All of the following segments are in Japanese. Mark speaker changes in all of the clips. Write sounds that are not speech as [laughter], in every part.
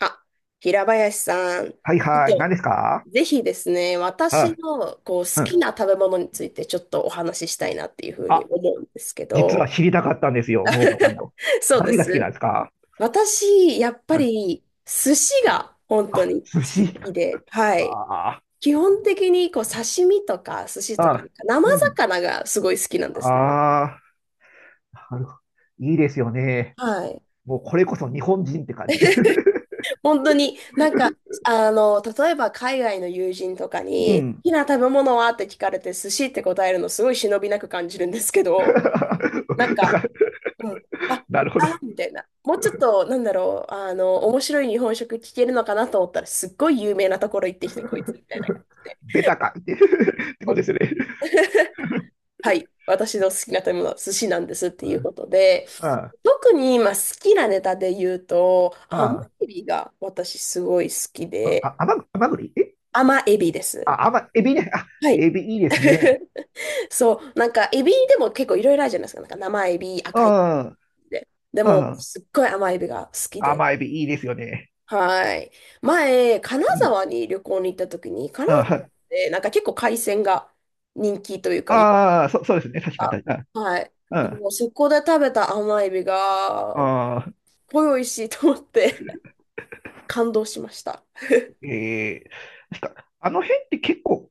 Speaker 1: あ、平林さん、ち
Speaker 2: はい
Speaker 1: ょっ
Speaker 2: はい。何で
Speaker 1: と、
Speaker 2: すか？
Speaker 1: ぜひですね、
Speaker 2: は
Speaker 1: 私
Speaker 2: い。
Speaker 1: の好
Speaker 2: うん。
Speaker 1: きな食べ物についてちょっとお話ししたいなっていうふうに
Speaker 2: あ、
Speaker 1: 思うんですけ
Speaker 2: 実は
Speaker 1: ど、
Speaker 2: 知りたかったんですよ、桃子さん
Speaker 1: [laughs]
Speaker 2: の。
Speaker 1: そうで
Speaker 2: 何が好きなん
Speaker 1: す。
Speaker 2: ですか？
Speaker 1: 私、やっぱ
Speaker 2: うん。
Speaker 1: り寿司が本当
Speaker 2: あ、
Speaker 1: に好
Speaker 2: 寿司。
Speaker 1: きで、はい。
Speaker 2: あ
Speaker 1: 基本的に刺身とか寿司とか、
Speaker 2: あ。
Speaker 1: 生
Speaker 2: うん。
Speaker 1: 魚がすごい好きなんですね。
Speaker 2: ああ。なるほど。いいですよね。
Speaker 1: はい。
Speaker 2: もうこれこそ日本人って感じで。
Speaker 1: 本当に、例えば海外の友人とか
Speaker 2: [laughs] う
Speaker 1: に、好
Speaker 2: ん。
Speaker 1: きな食べ物はって聞かれて、寿司って答えるのすごい忍びなく感じるんですけ
Speaker 2: [laughs]
Speaker 1: ど、なん
Speaker 2: だ
Speaker 1: か、
Speaker 2: から、
Speaker 1: うん、あ、
Speaker 2: なるほど。
Speaker 1: あ、みたいな。もうちょっと、面白い日本食聞けるのかなと思ったら、すっごい有名なところ行ってきた、こいつ、みたいな感じで。
Speaker 2: ベタかって [laughs] ってこと
Speaker 1: お
Speaker 2: ですよね。
Speaker 1: [laughs] はい、私の好きな食べ物は寿司なんですっていうことで、
Speaker 2: うん。
Speaker 1: 特に今好きなネタで言うと、
Speaker 2: う
Speaker 1: 甘
Speaker 2: ん。
Speaker 1: エビが私すごい好きで、
Speaker 2: あ、甘ぐ、甘栗え
Speaker 1: 甘エビです。
Speaker 2: あ、エビね。あ、
Speaker 1: はい。
Speaker 2: エビいいですね。
Speaker 1: [laughs] そう、エビでも結構いろいろあるじゃないですか。生エビ、
Speaker 2: う
Speaker 1: 赤いエ
Speaker 2: ん。
Speaker 1: ビで。で
Speaker 2: う
Speaker 1: も、
Speaker 2: ん。
Speaker 1: すっごい甘エビが好きで。
Speaker 2: 甘エビいいですよね。
Speaker 1: はい。前、金
Speaker 2: うん。
Speaker 1: 沢に旅行に行った時に、金
Speaker 2: う
Speaker 1: 沢っ
Speaker 2: ん。
Speaker 1: てなんか結構海鮮が人気というか、い、
Speaker 2: ああ、そうですね。確か、確か。
Speaker 1: はい。
Speaker 2: うん。あ
Speaker 1: もうそこで食べた甘エビが、
Speaker 2: あー、
Speaker 1: すっごい美味しいと思って [laughs] 感動しました。
Speaker 2: ええ、確か、あの辺って結構、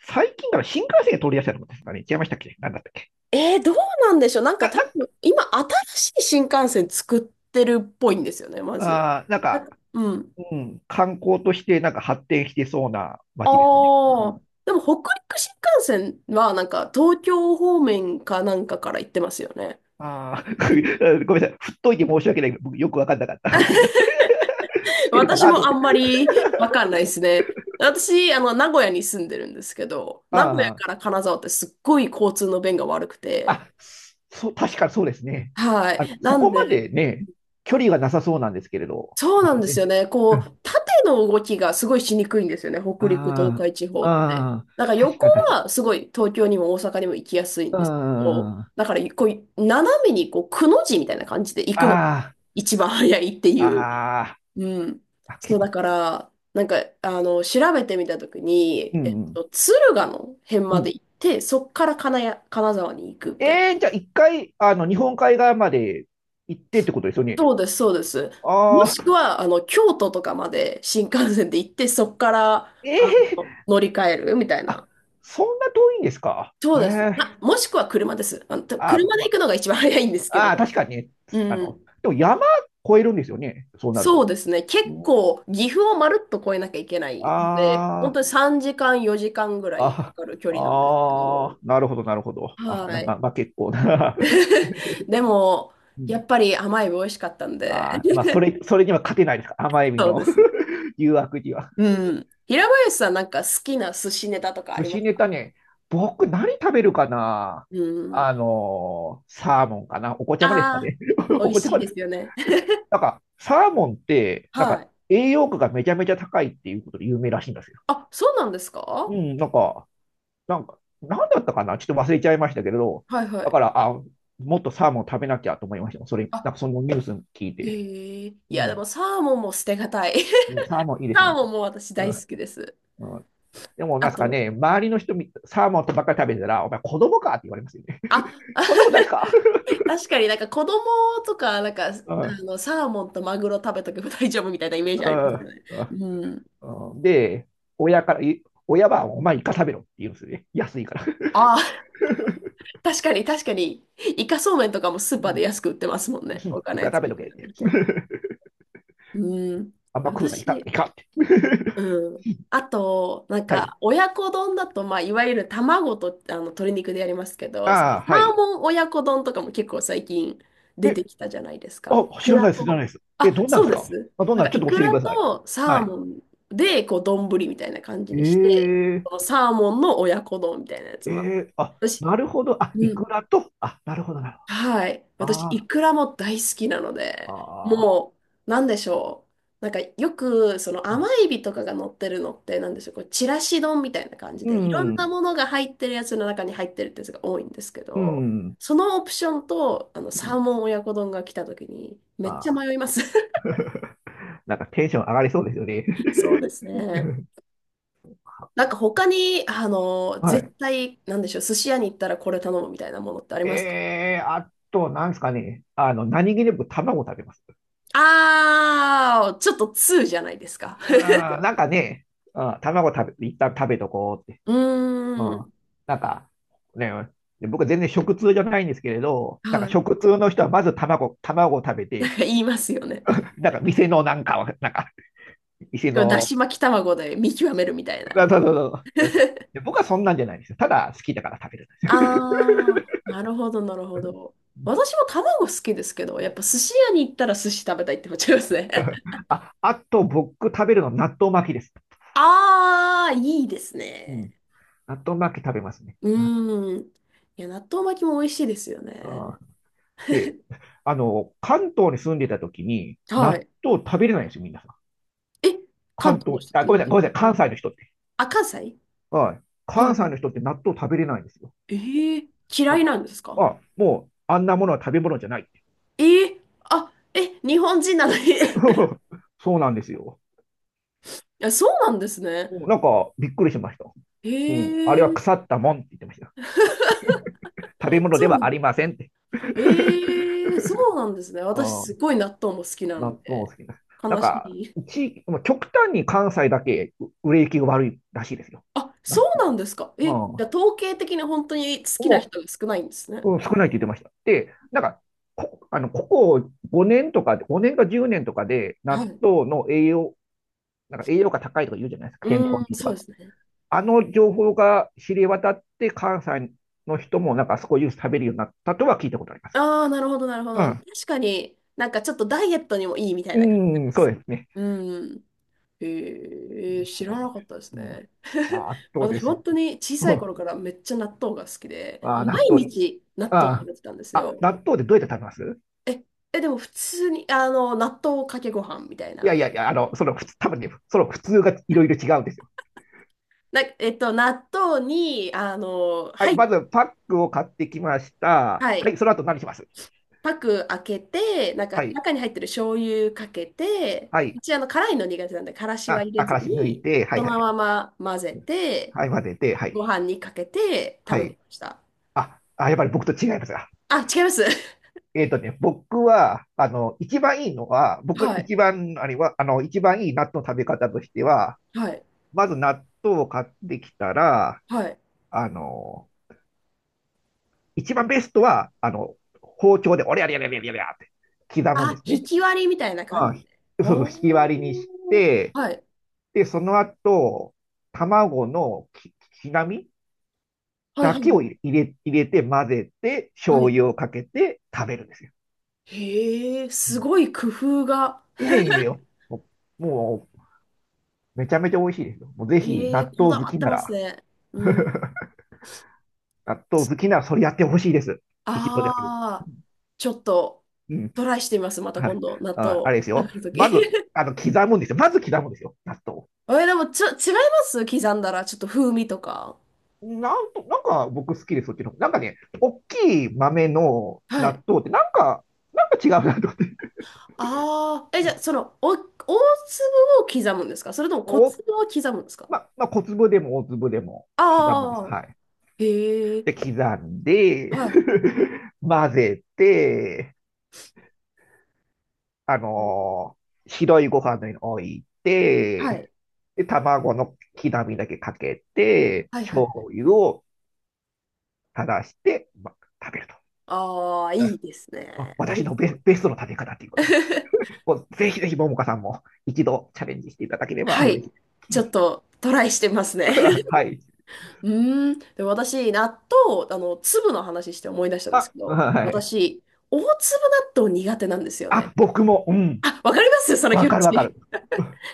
Speaker 2: 最近から新幹線が通りやすいのですかね。違いましたっけ？なんだったっけ？
Speaker 1: どうなんでしょう。なんか
Speaker 2: な、
Speaker 1: 多
Speaker 2: な、
Speaker 1: 分、今、新しい新幹線作ってるっぽいんですよね、まず。
Speaker 2: ああ、なんか、
Speaker 1: うん。
Speaker 2: うん、観光としてなんか発展してそうな
Speaker 1: あ
Speaker 2: 街ですよね。う
Speaker 1: あ。
Speaker 2: ん。
Speaker 1: でも、北陸新幹線は、東京方面かなんかから行ってますよね。
Speaker 2: ああ。
Speaker 1: うん。
Speaker 2: [laughs] ごめんなさい。振っといて申し訳ない。僕よくわかんなかった。ごめんなさい。[laughs] 知
Speaker 1: [laughs]
Speaker 2: ってるか
Speaker 1: 私
Speaker 2: なと
Speaker 1: も
Speaker 2: 思っ
Speaker 1: あんま
Speaker 2: て。
Speaker 1: りわかんないですね。私、名古屋に住んでるんですけど、名古屋
Speaker 2: あ
Speaker 1: から金沢ってすっごい交通の便が悪く
Speaker 2: あ、
Speaker 1: て、
Speaker 2: あ、そう、確かそうですね。
Speaker 1: は
Speaker 2: あ、
Speaker 1: い。な
Speaker 2: そ
Speaker 1: ん
Speaker 2: こ
Speaker 1: で、
Speaker 2: までね、距離がなさそうなんですけれど。
Speaker 1: そう
Speaker 2: で
Speaker 1: な
Speaker 2: す
Speaker 1: んです
Speaker 2: ね。
Speaker 1: よね。縦の動きがすごいしにくいんですよね。北陸、東
Speaker 2: あ
Speaker 1: 海地方
Speaker 2: あ、
Speaker 1: って。
Speaker 2: ああ、
Speaker 1: だから
Speaker 2: 確
Speaker 1: 横
Speaker 2: か確かに。
Speaker 1: はすごい東京にも大阪にも行きやすいん
Speaker 2: う
Speaker 1: ですけど、
Speaker 2: ん。あ
Speaker 1: だから斜めにくの字みたいな感じで行くのが
Speaker 2: あ、
Speaker 1: 一番早いってい
Speaker 2: あ
Speaker 1: う。
Speaker 2: あ、
Speaker 1: うん。
Speaker 2: あ、結
Speaker 1: そう、だ
Speaker 2: 構。
Speaker 1: から、調べてみたとき
Speaker 2: う
Speaker 1: に、
Speaker 2: ん。
Speaker 1: 敦賀の辺
Speaker 2: う
Speaker 1: まで
Speaker 2: ん。
Speaker 1: 行って、そっから金谷、金沢に行くみたいな。
Speaker 2: じゃあ一回、日本海側まで行ってってことですよね。
Speaker 1: そうです、そうです。も
Speaker 2: あ
Speaker 1: しく
Speaker 2: あ、
Speaker 1: は、京都とかまで新幹線で行って、そこから、
Speaker 2: え
Speaker 1: あ
Speaker 2: え、
Speaker 1: 乗り換えるみたい
Speaker 2: あ、
Speaker 1: な。
Speaker 2: そんな遠いんですか？
Speaker 1: そ
Speaker 2: え
Speaker 1: うです。あ、
Speaker 2: え、
Speaker 1: もしくは車です。
Speaker 2: あ
Speaker 1: 車で行
Speaker 2: ま、
Speaker 1: くのが一番早いんですけ
Speaker 2: ああー、
Speaker 1: ど。
Speaker 2: 確かにね。
Speaker 1: うん。
Speaker 2: でも山越えるんですよね。そうなる
Speaker 1: そう
Speaker 2: と。
Speaker 1: ですね。結
Speaker 2: うん、
Speaker 1: 構、岐阜をまるっと越えなきゃいけないので、本
Speaker 2: あ
Speaker 1: 当に3時間、4時間ぐらいか
Speaker 2: あ、
Speaker 1: かる距
Speaker 2: あ、
Speaker 1: 離なんですけ
Speaker 2: あ
Speaker 1: ど。
Speaker 2: あ、なるほど、なるほど。あ、
Speaker 1: はい。
Speaker 2: まあ、結構な。[laughs]
Speaker 1: [laughs] でも、
Speaker 2: う
Speaker 1: や
Speaker 2: ん
Speaker 1: っぱり甘い美味しかったんで。
Speaker 2: あーまあ、
Speaker 1: [laughs]
Speaker 2: それには勝てないですか？甘エビ
Speaker 1: そう
Speaker 2: の
Speaker 1: ですね。
Speaker 2: [laughs] 誘惑には。
Speaker 1: うん。平林さん、なんか好きな寿司ネタとかあ
Speaker 2: 寿
Speaker 1: りま
Speaker 2: 司
Speaker 1: す
Speaker 2: ネ
Speaker 1: か？
Speaker 2: タね、僕何食べるかな？
Speaker 1: うん。
Speaker 2: サーモンかな。お子ちゃまですか
Speaker 1: あ
Speaker 2: ね？ [laughs]
Speaker 1: あ、美
Speaker 2: お子
Speaker 1: 味
Speaker 2: ちゃ
Speaker 1: しい
Speaker 2: まで
Speaker 1: で
Speaker 2: す。
Speaker 1: すよね。[laughs]
Speaker 2: なんか、サーモンって、なん
Speaker 1: は
Speaker 2: か、
Speaker 1: い。
Speaker 2: 栄養価がめちゃめちゃ高いっていうことで有名らしいんですよ。
Speaker 1: あ、そうなんですか？
Speaker 2: うん、なんか、なんだったかな、ちょっと忘れちゃいましたけれど、
Speaker 1: はいは
Speaker 2: だ
Speaker 1: い。
Speaker 2: から、あ、もっとサーモン食べなきゃと思いました。それ、
Speaker 1: あ、
Speaker 2: なんかそのニュース聞いて。
Speaker 1: へえ。い
Speaker 2: う
Speaker 1: や、で
Speaker 2: ん、
Speaker 1: もサーモンも捨てがたい。[laughs]
Speaker 2: うん。サーモンいいですよ
Speaker 1: サー
Speaker 2: ね。
Speaker 1: モンも私
Speaker 2: うん、
Speaker 1: 大好きです。
Speaker 2: うん。でも、な
Speaker 1: あ
Speaker 2: んですか
Speaker 1: と、
Speaker 2: ね、周りの人、サーモンとばっかり食べてたら、お前子供かって言われますよね。
Speaker 1: あ、
Speaker 2: [laughs]
Speaker 1: あ、
Speaker 2: そんなことないですか？
Speaker 1: [laughs] 確かに子供とか、
Speaker 2: [laughs] うん、
Speaker 1: サーモンとマグロ食べとけば大丈夫みたいなイメージあ
Speaker 2: う
Speaker 1: りますよ
Speaker 2: ん、
Speaker 1: ね。うん。
Speaker 2: うん。で、親から、い親は、お前イカ食べろって言うんですよね。安いから。[laughs]
Speaker 1: ああ、確かに確かに。イカそうめんとかもスー
Speaker 2: う
Speaker 1: パーで
Speaker 2: ん、
Speaker 1: 安く売ってますもんね。他
Speaker 2: イ
Speaker 1: の
Speaker 2: カ
Speaker 1: やつ
Speaker 2: 食べ
Speaker 1: に比
Speaker 2: とけっ
Speaker 1: べ
Speaker 2: て。
Speaker 1: ると。
Speaker 2: [laughs]
Speaker 1: うん。
Speaker 2: あんま食うな、イカ、
Speaker 1: 私、
Speaker 2: イカって。[laughs]
Speaker 1: うん。あと、
Speaker 2: はい。
Speaker 1: 親子丼だと、まあ、いわゆる卵と鶏肉でやりますけど、その
Speaker 2: ああ、
Speaker 1: サ
Speaker 2: は
Speaker 1: ー
Speaker 2: い。
Speaker 1: モン親子丼とかも結構最近出て
Speaker 2: え、
Speaker 1: きたじゃないですか。
Speaker 2: あ、
Speaker 1: イ
Speaker 2: 知
Speaker 1: ク
Speaker 2: ら
Speaker 1: ラ
Speaker 2: ないです、知らな
Speaker 1: と、
Speaker 2: いです。え、
Speaker 1: あ、
Speaker 2: どんなん
Speaker 1: そ
Speaker 2: で
Speaker 1: う
Speaker 2: す
Speaker 1: で
Speaker 2: か？
Speaker 1: す。
Speaker 2: あ、どんなん、ちょっ
Speaker 1: イ
Speaker 2: と
Speaker 1: ク
Speaker 2: 教えてく
Speaker 1: ラ
Speaker 2: ださい。
Speaker 1: とサ
Speaker 2: は
Speaker 1: ー
Speaker 2: い。
Speaker 1: モンで、丼みたいな感じ
Speaker 2: え
Speaker 1: にして、
Speaker 2: ー、
Speaker 1: そのサーモンの親子丼みたいなやつ
Speaker 2: え
Speaker 1: も。
Speaker 2: あ、
Speaker 1: 私、
Speaker 2: なるほど。あ、イ
Speaker 1: うん、
Speaker 2: クラと、あ、なるほど、なるほど。
Speaker 1: はい。私、イ
Speaker 2: あ
Speaker 1: クラも大好きなの
Speaker 2: あ、
Speaker 1: で、
Speaker 2: ああ、
Speaker 1: もう、なんでしょう。よく、その甘エビとかが乗ってるのって、なんでしょう。ちらし丼みたいな感じ
Speaker 2: う
Speaker 1: で、いろんな
Speaker 2: ん、
Speaker 1: ものが入ってるやつの中に入ってるってやつが多いんですけ
Speaker 2: う
Speaker 1: ど、
Speaker 2: ん。
Speaker 1: そのオプションと、サーモン親子丼が来た時に、めっちゃ
Speaker 2: あ
Speaker 1: 迷います。[laughs]
Speaker 2: あ、なんかテンション上がりそうですよね。[laughs]
Speaker 1: そうですね。なんか、他に、
Speaker 2: は
Speaker 1: 絶対、なんでしょう。寿司屋に行ったらこれ頼むみたいなものってあり
Speaker 2: い。
Speaker 1: ますか？
Speaker 2: あと、なんですかね。何気なく卵食べます。
Speaker 1: あー、ちょっと通じゃないですか。
Speaker 2: いや
Speaker 1: [laughs]
Speaker 2: ー、なんかね、うん、卵食べ、一旦食べとこうって。
Speaker 1: う
Speaker 2: う
Speaker 1: ー
Speaker 2: ん、
Speaker 1: ん。
Speaker 2: なんか、ね、で僕全然食通じゃないんですけれど、なんか
Speaker 1: はい。
Speaker 2: 食通の人はまず卵を食べ
Speaker 1: [laughs] な
Speaker 2: て、
Speaker 1: んか言いますよね。
Speaker 2: なんか店のなんかを、なんか、店
Speaker 1: これだ
Speaker 2: の、
Speaker 1: し巻き卵で見極めるみたい
Speaker 2: そ
Speaker 1: な。
Speaker 2: うそうそうそう。で僕はそんなんじゃないんですよ。ただ好きだから食べるんですよ。
Speaker 1: ああ、なるほど、なるほど。私も
Speaker 2: [laughs]
Speaker 1: 卵好きですけど、
Speaker 2: う
Speaker 1: やっぱ
Speaker 2: ん。
Speaker 1: 寿司屋に行ったら寿司食べたいって思っちゃいますね。
Speaker 2: あ、あと僕食べるのは納豆巻きです。
Speaker 1: [laughs] ああ、いいです
Speaker 2: う
Speaker 1: ね。
Speaker 2: ん。納豆巻き食べますね。
Speaker 1: う
Speaker 2: はい。
Speaker 1: ーん。いや、納豆巻きも美味しいですよね。
Speaker 2: あ、で、関東に住んでた時に
Speaker 1: は
Speaker 2: 納
Speaker 1: い。
Speaker 2: 豆食べれないんですよ、みんなさ、
Speaker 1: え、関
Speaker 2: 関
Speaker 1: 東の
Speaker 2: 東、
Speaker 1: 人っ
Speaker 2: あ、
Speaker 1: て納
Speaker 2: ごめん
Speaker 1: 豆
Speaker 2: なさい、ご
Speaker 1: 巻
Speaker 2: めんなさ
Speaker 1: き
Speaker 2: い、
Speaker 1: 食べ
Speaker 2: 関
Speaker 1: る？
Speaker 2: 西の人って。
Speaker 1: あ、関西。
Speaker 2: はい。
Speaker 1: はいは
Speaker 2: 関西の
Speaker 1: い。
Speaker 2: 人って納豆食べれないんですよ。
Speaker 1: ええ、嫌
Speaker 2: なん
Speaker 1: い
Speaker 2: か、
Speaker 1: なんですか？
Speaker 2: あ、もう、あんなものは食べ物じゃないって。
Speaker 1: ええ、あ、え、日本人なのに、 [laughs] い
Speaker 2: [laughs] そうなんですよ。
Speaker 1: や、そうなんですね。
Speaker 2: うん。なんか、びっくりしました。
Speaker 1: え
Speaker 2: うん。あれは腐
Speaker 1: え、
Speaker 2: ったもんって言ってました。食べ物で
Speaker 1: そうな
Speaker 2: はあ
Speaker 1: の。
Speaker 2: りませんって。
Speaker 1: ええ、そうなんですね。
Speaker 2: [laughs] う
Speaker 1: 私、す
Speaker 2: ん、
Speaker 1: ごい納豆も好きな
Speaker 2: 納
Speaker 1: の
Speaker 2: 豆も
Speaker 1: で、
Speaker 2: 好きな。なん
Speaker 1: 悲し
Speaker 2: か、
Speaker 1: い。
Speaker 2: 地域、まあ極端に関西だけ売れ行きが悪いらしいですよ。
Speaker 1: あ、
Speaker 2: な
Speaker 1: そう
Speaker 2: うん、
Speaker 1: なんですか。え、じゃあ、統計的に本当に好きな
Speaker 2: も
Speaker 1: 人が少ないんですね。
Speaker 2: う、うん、少ないって言ってました。で、なんか、こ、あの、ここ5年とか、5年か10年とかで、
Speaker 1: は
Speaker 2: 納
Speaker 1: い。
Speaker 2: 豆の栄養、なんか栄養価高いとか言うじゃないですか、健
Speaker 1: う
Speaker 2: 康に
Speaker 1: ー
Speaker 2: い
Speaker 1: ん、
Speaker 2: いと
Speaker 1: そう
Speaker 2: か。
Speaker 1: ですね。
Speaker 2: あの情報が知れ渡って、関西の人もなんか少しずつ食べるようになったとは聞いたことあります。
Speaker 1: ああ、なるほど、なるほど。確かに、なんかちょっとダイエットにもいいみたい
Speaker 2: う
Speaker 1: な感じな
Speaker 2: ん。
Speaker 1: ん
Speaker 2: うん、
Speaker 1: で
Speaker 2: そ
Speaker 1: す。
Speaker 2: うですね。
Speaker 1: うん。ええ、知
Speaker 2: そ
Speaker 1: ら
Speaker 2: うな
Speaker 1: な
Speaker 2: ん
Speaker 1: か
Speaker 2: で
Speaker 1: っ
Speaker 2: す。
Speaker 1: たです
Speaker 2: うん、
Speaker 1: ね。[laughs]
Speaker 2: ああと
Speaker 1: 私、
Speaker 2: です。
Speaker 1: 本当に小さい頃からめっちゃ納豆が好き
Speaker 2: [laughs]
Speaker 1: で、
Speaker 2: あ
Speaker 1: も
Speaker 2: あ、
Speaker 1: う
Speaker 2: 納
Speaker 1: 毎
Speaker 2: 豆、
Speaker 1: 日納豆食
Speaker 2: あ
Speaker 1: べてたんです
Speaker 2: あ、あ、
Speaker 1: よ。
Speaker 2: 納豆でどうやって食べます？
Speaker 1: え、え、でも普通に、納豆かけご飯みたい
Speaker 2: いや
Speaker 1: な。
Speaker 2: いやいや、その普通、多分ね、その普通がいろいろ違うんですよ。
Speaker 1: 納豆に、
Speaker 2: は
Speaker 1: は
Speaker 2: い、
Speaker 1: い、
Speaker 2: まずパックを買ってきました。
Speaker 1: は
Speaker 2: は
Speaker 1: い、
Speaker 2: い、その後何します？
Speaker 1: パク開けて、なんか
Speaker 2: はい、
Speaker 1: 中に入ってる醤油かけて、
Speaker 2: は
Speaker 1: う
Speaker 2: い。
Speaker 1: ち辛いの苦手なんで、からしは
Speaker 2: あ、
Speaker 1: 入れ
Speaker 2: あ、か
Speaker 1: ず
Speaker 2: らし抜い
Speaker 1: に、
Speaker 2: て、は
Speaker 1: そ
Speaker 2: いはい
Speaker 1: の
Speaker 2: はい。
Speaker 1: まま混ぜて、
Speaker 2: はい、混ぜて、は
Speaker 1: ご
Speaker 2: い、
Speaker 1: 飯にかけて
Speaker 2: は
Speaker 1: 食べて
Speaker 2: い。
Speaker 1: ました。
Speaker 2: あ、あ、やっぱり僕と違いますが。
Speaker 1: あ、違います。[laughs]
Speaker 2: 僕は、一番いいのは、僕
Speaker 1: はい、
Speaker 2: 一番、あれは、一番いい納豆の食べ方としては、
Speaker 1: はい、
Speaker 2: まず納豆を買ってきたら、
Speaker 1: はい。
Speaker 2: あの、一番ベストは、包丁で、おりゃりゃりゃりゃりゃりゃって刻むんで
Speaker 1: あ、
Speaker 2: す
Speaker 1: ひ
Speaker 2: ね。
Speaker 1: き割りみたいな感
Speaker 2: まあ、
Speaker 1: じで。
Speaker 2: そうそう、引き
Speaker 1: おー、
Speaker 2: 割りにして、
Speaker 1: はい、
Speaker 2: で、その後、卵のきなみ
Speaker 1: はい、
Speaker 2: だ
Speaker 1: はい、
Speaker 2: け
Speaker 1: は
Speaker 2: を
Speaker 1: い。
Speaker 2: 入れて混ぜて、
Speaker 1: は
Speaker 2: 醤
Speaker 1: い、
Speaker 2: 油をかけて食べるんですよ。
Speaker 1: へえ、
Speaker 2: う
Speaker 1: す
Speaker 2: ん、
Speaker 1: ごい工夫が。
Speaker 2: いやいやいや、ももうめちゃめちゃ美味しいですよ。もうぜひ、
Speaker 1: ええ、
Speaker 2: 納
Speaker 1: こ
Speaker 2: 豆
Speaker 1: だ
Speaker 2: 好
Speaker 1: わっ
Speaker 2: き
Speaker 1: て
Speaker 2: な
Speaker 1: ます
Speaker 2: ら、
Speaker 1: ね。うん。
Speaker 2: 納豆好きならそれやってほしいです。一度だけで。
Speaker 1: ああ、ちょっと
Speaker 2: うん。
Speaker 1: トライしてみます。また
Speaker 2: は
Speaker 1: 今
Speaker 2: い。
Speaker 1: 度、納
Speaker 2: あ、あ
Speaker 1: 豆
Speaker 2: れです
Speaker 1: 食
Speaker 2: よ。
Speaker 1: べるとき。
Speaker 2: まず、
Speaker 1: [laughs]
Speaker 2: 刻むんですよ。まず刻むんですよ。納豆を。
Speaker 1: え、でもちょ、違います。刻んだら、ちょっと風味とか。
Speaker 2: なんと、なんか僕好きです、そっちの方。なんかね、大きい豆の
Speaker 1: はい。
Speaker 2: 納豆って、なんか違うなと思って。
Speaker 1: ああ、え、じゃあ、そ
Speaker 2: [laughs]
Speaker 1: の、お、大粒を刻むんですか？それとも小
Speaker 2: お、
Speaker 1: 粒を刻むんですか？
Speaker 2: まあ、小粒でも大粒でも刻むんです。
Speaker 1: ああ
Speaker 2: はい。
Speaker 1: ー、へえ、
Speaker 2: で、刻んで
Speaker 1: はい。
Speaker 2: [laughs] 混ぜて、あ
Speaker 1: うん、
Speaker 2: のー白いご飯の上に置い
Speaker 1: は
Speaker 2: て、
Speaker 1: い。
Speaker 2: で、卵の刻みだけかけて、
Speaker 1: はいは
Speaker 2: 醤
Speaker 1: い。
Speaker 2: 油を垂らして、ま、食べると。
Speaker 1: ああ、いいです
Speaker 2: あ、
Speaker 1: ね。美
Speaker 2: 私
Speaker 1: 味
Speaker 2: の
Speaker 1: しそう。
Speaker 2: ベストの食べ方っていうことで。
Speaker 1: [laughs]
Speaker 2: こうぜひぜひ、ももかさんも一度チャレンジしていただければ
Speaker 1: は
Speaker 2: 嬉し
Speaker 1: い。
Speaker 2: い。
Speaker 1: ちょっとトライしてますね。
Speaker 2: [laughs] はい。
Speaker 1: うーん。でも私、納豆、粒の話して思い出したんです
Speaker 2: あ、
Speaker 1: けど、
Speaker 2: はい。
Speaker 1: 私、大粒納豆苦手なんですよね。
Speaker 2: あ、僕も、うん。
Speaker 1: あ、わかります、 [laughs] その
Speaker 2: わ
Speaker 1: 気持
Speaker 2: かるわか
Speaker 1: ち。
Speaker 2: る。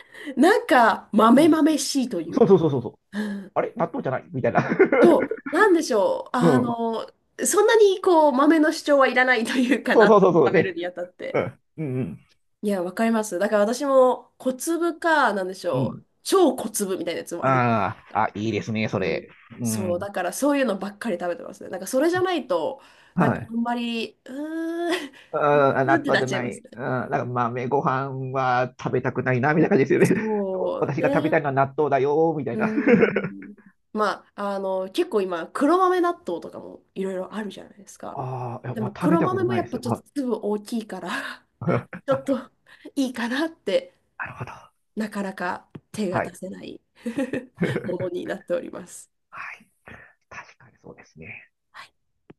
Speaker 1: [laughs] なんか、
Speaker 2: う
Speaker 1: 豆
Speaker 2: ん。
Speaker 1: 豆しいという
Speaker 2: そうそ
Speaker 1: か。
Speaker 2: うそうそうそう。
Speaker 1: うん、
Speaker 2: あれ納豆じゃないみたいな。
Speaker 1: そう、なんでしょう。
Speaker 2: [laughs] うん。
Speaker 1: そんなにこう、豆の主張はいらないというか
Speaker 2: そうそ
Speaker 1: な、
Speaker 2: うそうそう
Speaker 1: 食べる
Speaker 2: ね。
Speaker 1: にあたっ
Speaker 2: う
Speaker 1: て。
Speaker 2: ん。うん
Speaker 1: いや、わかります。だから私も、小粒か、なんでし
Speaker 2: うん。う
Speaker 1: ょう。
Speaker 2: ん。
Speaker 1: 超小粒みたいなやつもある。
Speaker 2: ああ、あ、いいですね、そ
Speaker 1: う
Speaker 2: れ。
Speaker 1: ん、
Speaker 2: う
Speaker 1: そう、
Speaker 2: ん。
Speaker 1: だからそういうのばっかり食べてますね。なんかそれじゃないと、なん
Speaker 2: は
Speaker 1: かあ
Speaker 2: い。
Speaker 1: んまり、うーん、[laughs] う
Speaker 2: うん、あ、
Speaker 1: ーん
Speaker 2: 納
Speaker 1: って
Speaker 2: 豆
Speaker 1: なっ
Speaker 2: じゃ
Speaker 1: ちゃい
Speaker 2: な
Speaker 1: ます
Speaker 2: い。
Speaker 1: ね。
Speaker 2: うん、なんか豆ご飯は食べたくないな、みたいな感じですよね。[laughs]
Speaker 1: そう
Speaker 2: 私が食べた
Speaker 1: ね。
Speaker 2: いのは納豆だよ、みたい
Speaker 1: う
Speaker 2: な。[laughs]
Speaker 1: ん。まあ、結構今、黒豆納豆とかもいろいろあるじゃないですか。
Speaker 2: ああ、いや
Speaker 1: で
Speaker 2: まあ、
Speaker 1: も
Speaker 2: 食べ
Speaker 1: 黒
Speaker 2: たこ
Speaker 1: 豆
Speaker 2: と
Speaker 1: も
Speaker 2: な
Speaker 1: や
Speaker 2: い
Speaker 1: っ
Speaker 2: です
Speaker 1: ぱ
Speaker 2: よ。
Speaker 1: ちょっ
Speaker 2: は
Speaker 1: と
Speaker 2: い
Speaker 1: 粒大きいから、 [laughs]
Speaker 2: [laughs]
Speaker 1: ちょ
Speaker 2: あ、
Speaker 1: っといいかなって、
Speaker 2: なるほど。
Speaker 1: なかなか手が
Speaker 2: は
Speaker 1: 出
Speaker 2: い。
Speaker 1: せない [laughs] もの
Speaker 2: [laughs]
Speaker 1: になっております。
Speaker 2: はい。確かにそうですね。